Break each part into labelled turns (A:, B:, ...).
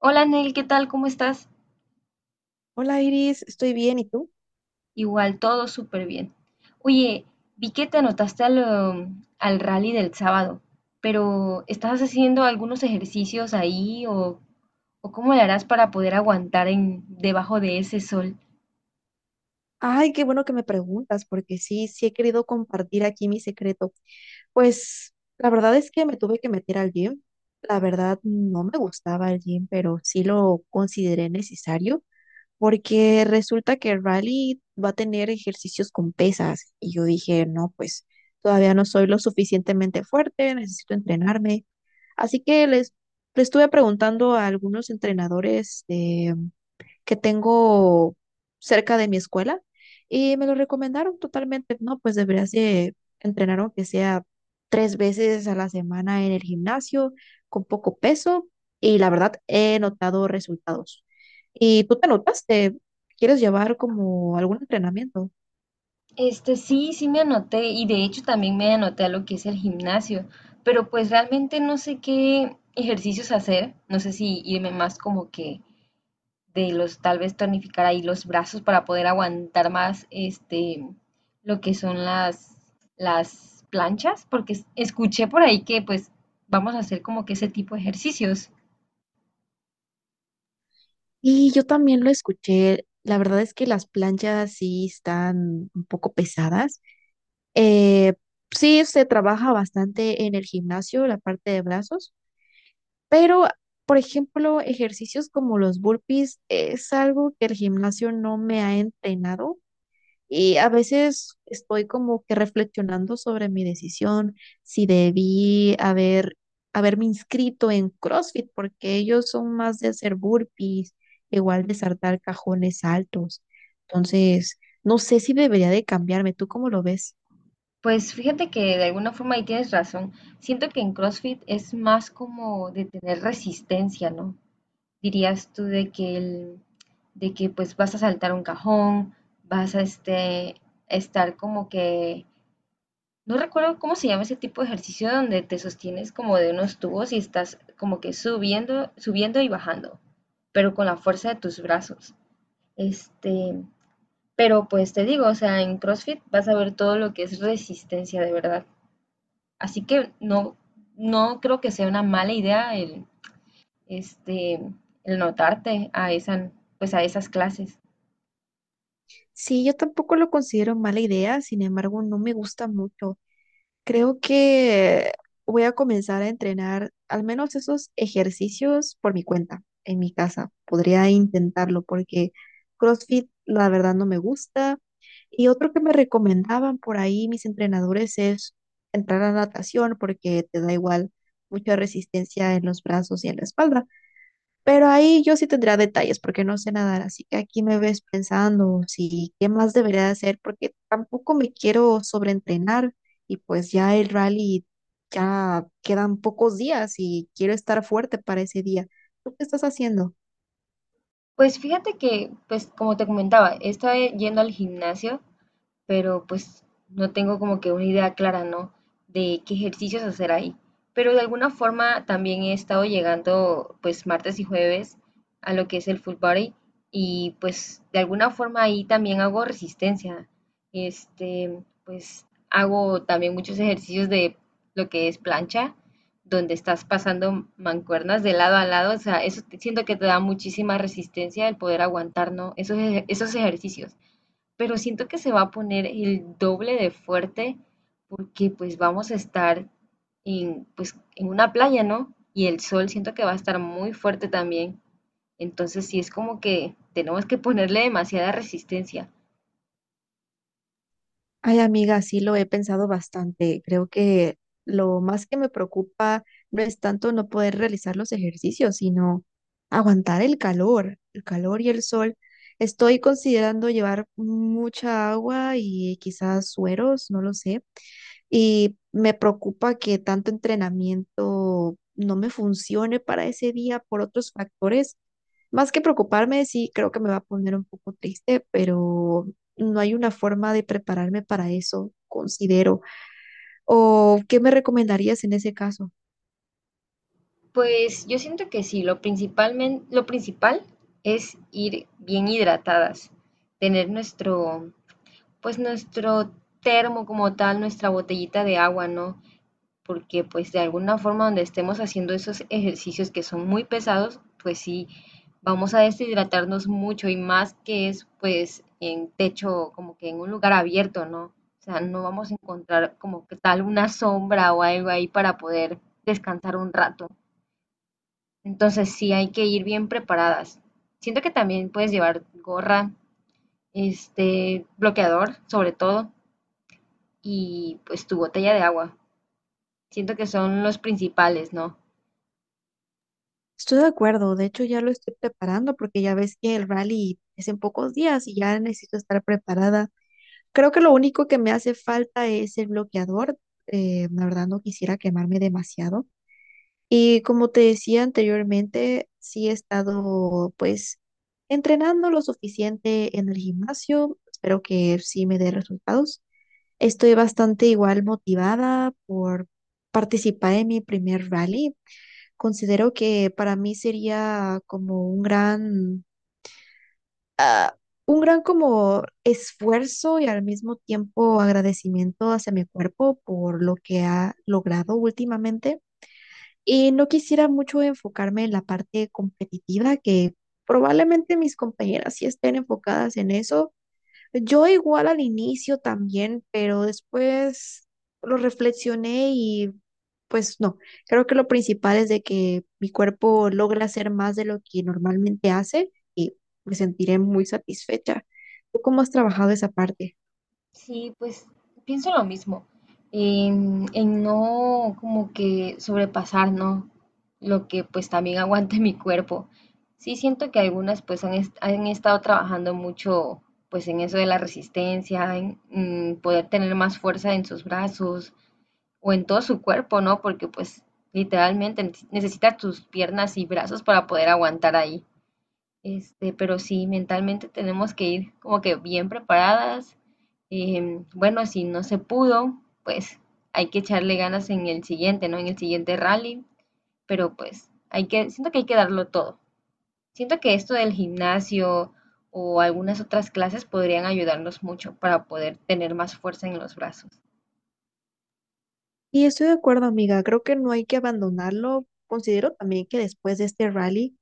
A: Hola Nel, ¿qué tal? ¿Cómo estás?
B: Hola Iris, estoy bien, ¿y tú?
A: Igual, todo súper bien. Oye, vi que te anotaste al rally del sábado, pero ¿estás haciendo algunos ejercicios ahí o cómo le harás para poder aguantar en, debajo de ese sol?
B: Ay, qué bueno que me preguntas, porque sí, sí he querido compartir aquí mi secreto. Pues la verdad es que me tuve que meter al gym. La verdad no me gustaba el gym, pero sí lo consideré necesario, porque resulta que Riley va a tener ejercicios con pesas. Y yo dije, no, pues todavía no soy lo suficientemente fuerte, necesito entrenarme. Así que le estuve preguntando a algunos entrenadores que tengo cerca de mi escuela y me lo recomendaron totalmente. No, pues deberías de entrenar aunque sea tres veces a la semana en el gimnasio con poco peso y la verdad he notado resultados. ¿Y tú te notaste? ¿Quieres llevar como algún entrenamiento?
A: Sí, me anoté y de hecho también me anoté a lo que es el gimnasio, pero pues realmente no sé qué ejercicios hacer, no sé si irme más como que de los, tal vez tonificar ahí los brazos para poder aguantar más este lo que son las planchas, porque escuché por ahí que pues vamos a hacer como que ese tipo de ejercicios.
B: Y yo también lo escuché. La verdad es que las planchas sí están un poco pesadas. Eh, sí se trabaja bastante en el gimnasio, la parte de brazos, pero, por ejemplo, ejercicios como los burpees es algo que el gimnasio no me ha entrenado y a veces estoy como que reflexionando sobre mi decisión, si debí haberme inscrito en CrossFit, porque ellos son más de hacer burpees, igual de saltar cajones altos. Entonces, no sé si debería de cambiarme. ¿Tú cómo lo ves?
A: Pues fíjate que de alguna forma ahí tienes razón. Siento que en CrossFit es más como de tener resistencia, ¿no? Dirías tú de que el, de que pues vas a saltar un cajón, vas a este estar como que... No recuerdo cómo se llama ese tipo de ejercicio donde te sostienes como de unos tubos y estás como que subiendo y bajando, pero con la fuerza de tus brazos. Este, pero pues te digo, o sea, en CrossFit vas a ver todo lo que es resistencia de verdad. Así que no, no creo que sea una mala idea este, el notarte a esa, pues a esas clases.
B: Sí, yo tampoco lo considero mala idea, sin embargo, no me gusta mucho. Creo que voy a comenzar a entrenar al menos esos ejercicios por mi cuenta, en mi casa. Podría intentarlo porque CrossFit la verdad no me gusta. Y otro que me recomendaban por ahí mis entrenadores es entrar a natación porque te da igual mucha resistencia en los brazos y en la espalda. Pero ahí yo sí tendría detalles porque no sé nadar, así que aquí me ves pensando si qué más debería hacer porque tampoco me quiero sobreentrenar y pues ya el rally ya quedan pocos días y quiero estar fuerte para ese día. ¿Tú qué estás haciendo?
A: Pues fíjate que, pues como te comentaba, estaba yendo al gimnasio pero pues no tengo como que una idea clara, ¿no? De qué ejercicios hacer ahí. Pero de alguna forma también he estado llegando pues martes y jueves a lo que es el full body y pues de alguna forma ahí también hago resistencia. Este, pues hago también muchos ejercicios de lo que es plancha, donde estás pasando mancuernas de lado a lado, o sea, siento que te da muchísima resistencia el poder aguantar, ¿no? Esos ejercicios, pero siento que se va a poner el doble de fuerte porque pues vamos a estar en, pues, en una playa, ¿no? Y el sol siento que va a estar muy fuerte también. Entonces sí es como que tenemos que ponerle demasiada resistencia.
B: Ay, amiga, sí lo he pensado bastante. Creo que lo más que me preocupa no es tanto no poder realizar los ejercicios, sino aguantar el calor y el sol. Estoy considerando llevar mucha agua y quizás sueros, no lo sé. Y me preocupa que tanto entrenamiento no me funcione para ese día por otros factores más que preocuparme, sí creo que me va a poner un poco triste, pero no hay una forma de prepararme para eso, considero. ¿O qué me recomendarías en ese caso?
A: Pues yo siento que sí, lo principal es ir bien hidratadas, tener nuestro, pues nuestro termo como tal, nuestra botellita de agua, ¿no? Porque pues de alguna forma donde estemos haciendo esos ejercicios que son muy pesados, pues sí, vamos a deshidratarnos mucho y más que es pues en techo, como que en un lugar abierto, ¿no? O sea, no vamos a encontrar como que tal una sombra o algo ahí para poder descansar un rato. Entonces sí hay que ir bien preparadas. Siento que también puedes llevar gorra, este bloqueador sobre todo y pues tu botella de agua. Siento que son los principales, ¿no?
B: Estoy de acuerdo, de hecho ya lo estoy preparando porque ya ves que el rally es en pocos días y ya necesito estar preparada. Creo que lo único que me hace falta es el bloqueador. La verdad no quisiera quemarme demasiado. Y como te decía anteriormente, sí he estado pues entrenando lo suficiente en el gimnasio. Espero que sí me dé resultados. Estoy bastante igual motivada por participar en mi primer rally. Considero que para mí sería como ah, un gran como esfuerzo y al mismo tiempo agradecimiento hacia mi cuerpo por lo que ha logrado últimamente. Y no quisiera mucho enfocarme en la parte competitiva, que probablemente mis compañeras sí estén enfocadas en eso. Yo igual al inicio también, pero después lo reflexioné y pues no, creo que lo principal es de que mi cuerpo logra hacer más de lo que normalmente hace y me sentiré muy satisfecha. ¿Tú cómo has trabajado esa parte?
A: Sí, pues pienso lo mismo, en no como que sobrepasar, ¿no? Lo que pues también aguante mi cuerpo. Sí siento que algunas pues han estado trabajando mucho pues en eso de la resistencia, en poder tener más fuerza en sus brazos o en todo su cuerpo, ¿no? Porque pues literalmente necesitas tus piernas y brazos para poder aguantar ahí. Pero sí, mentalmente tenemos que ir como que bien preparadas. Bueno, si no se pudo, pues hay que echarle ganas en el siguiente, ¿no? En el siguiente rally, pero pues hay que, siento que hay que darlo todo. Siento que esto del gimnasio o algunas otras clases podrían ayudarnos mucho para poder tener más fuerza en los brazos.
B: Y estoy de acuerdo, amiga. Creo que no hay que abandonarlo. Considero también que después de este rally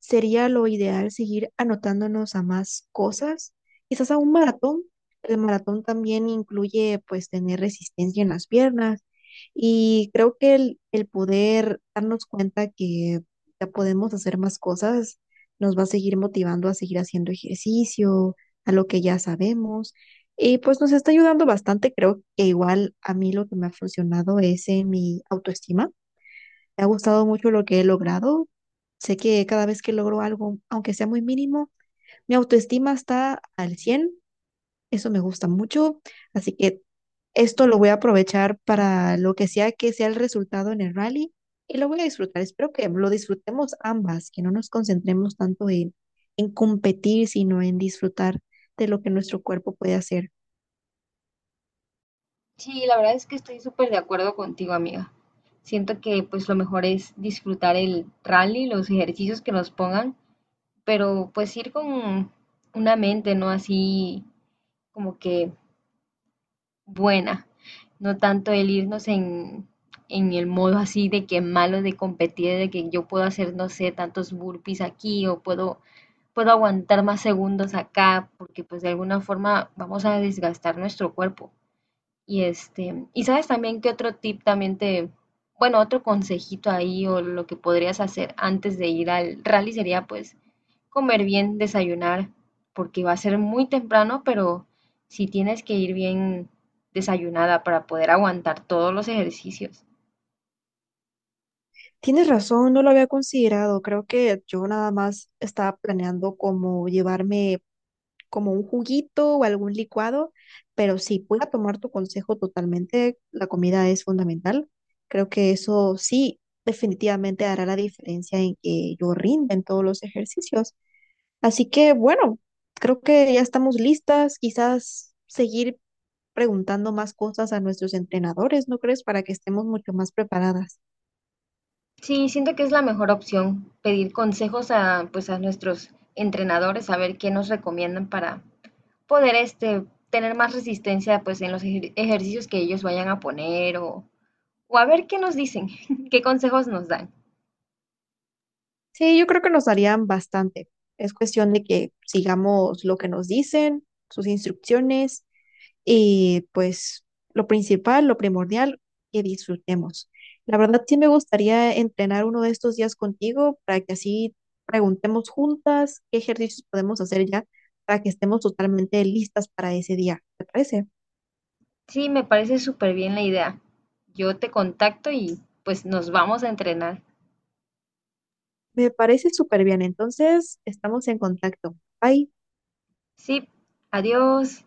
B: sería lo ideal seguir anotándonos a más cosas, quizás a un maratón. El maratón también incluye pues tener resistencia en las piernas y creo que el poder darnos cuenta que ya podemos hacer más cosas nos va a seguir motivando a seguir haciendo ejercicio, a lo que ya sabemos. Y pues nos está ayudando bastante, creo que igual a mí lo que me ha funcionado es en mi autoestima. Me ha gustado mucho lo que he logrado. Sé que cada vez que logro algo, aunque sea muy mínimo, mi autoestima está al 100. Eso me gusta mucho. Así que esto lo voy a aprovechar para lo que sea el resultado en el rally y lo voy a disfrutar. Espero que lo disfrutemos ambas, que no nos concentremos tanto en competir, sino en disfrutar de lo que nuestro cuerpo puede hacer.
A: Sí, la verdad es que estoy súper de acuerdo contigo, amiga. Siento que pues lo mejor es disfrutar el rally, los ejercicios que nos pongan, pero pues ir con una mente, ¿no? Así como que buena, no tanto el irnos en el modo así de que malo de competir, de que yo puedo hacer, no sé, tantos burpees aquí o puedo, puedo aguantar más segundos acá, porque pues de alguna forma vamos a desgastar nuestro cuerpo. Y este, y sabes también que otro tip también te, bueno, otro consejito ahí o lo que podrías hacer antes de ir al rally sería pues comer bien, desayunar, porque va a ser muy temprano, pero sí tienes que ir bien desayunada para poder aguantar todos los ejercicios.
B: Tienes razón, no lo había considerado. Creo que yo nada más estaba planeando como llevarme como un juguito o algún licuado, pero sí, voy a tomar tu consejo totalmente. La comida es fundamental. Creo que eso sí definitivamente hará la diferencia en que yo rinda en todos los ejercicios. Así que bueno, creo que ya estamos listas. Quizás seguir preguntando más cosas a nuestros entrenadores, ¿no crees? Para que estemos mucho más preparadas.
A: Sí, siento que es la mejor opción pedir consejos a, pues, a nuestros entrenadores, saber qué nos recomiendan para poder este, tener más resistencia pues, en los ejercicios que ellos vayan a poner o a ver qué nos dicen, qué consejos nos dan.
B: Sí, yo creo que nos darían bastante. Es cuestión de que sigamos lo que nos dicen, sus instrucciones y pues lo principal, lo primordial, que disfrutemos. La verdad sí me gustaría entrenar uno de estos días contigo para que así preguntemos juntas qué ejercicios podemos hacer ya para que estemos totalmente listas para ese día. ¿Te parece?
A: Sí, me parece súper bien la idea. Yo te contacto y pues nos vamos a entrenar.
B: Me parece súper bien. Entonces, estamos en contacto. Bye.
A: Sí. Adiós.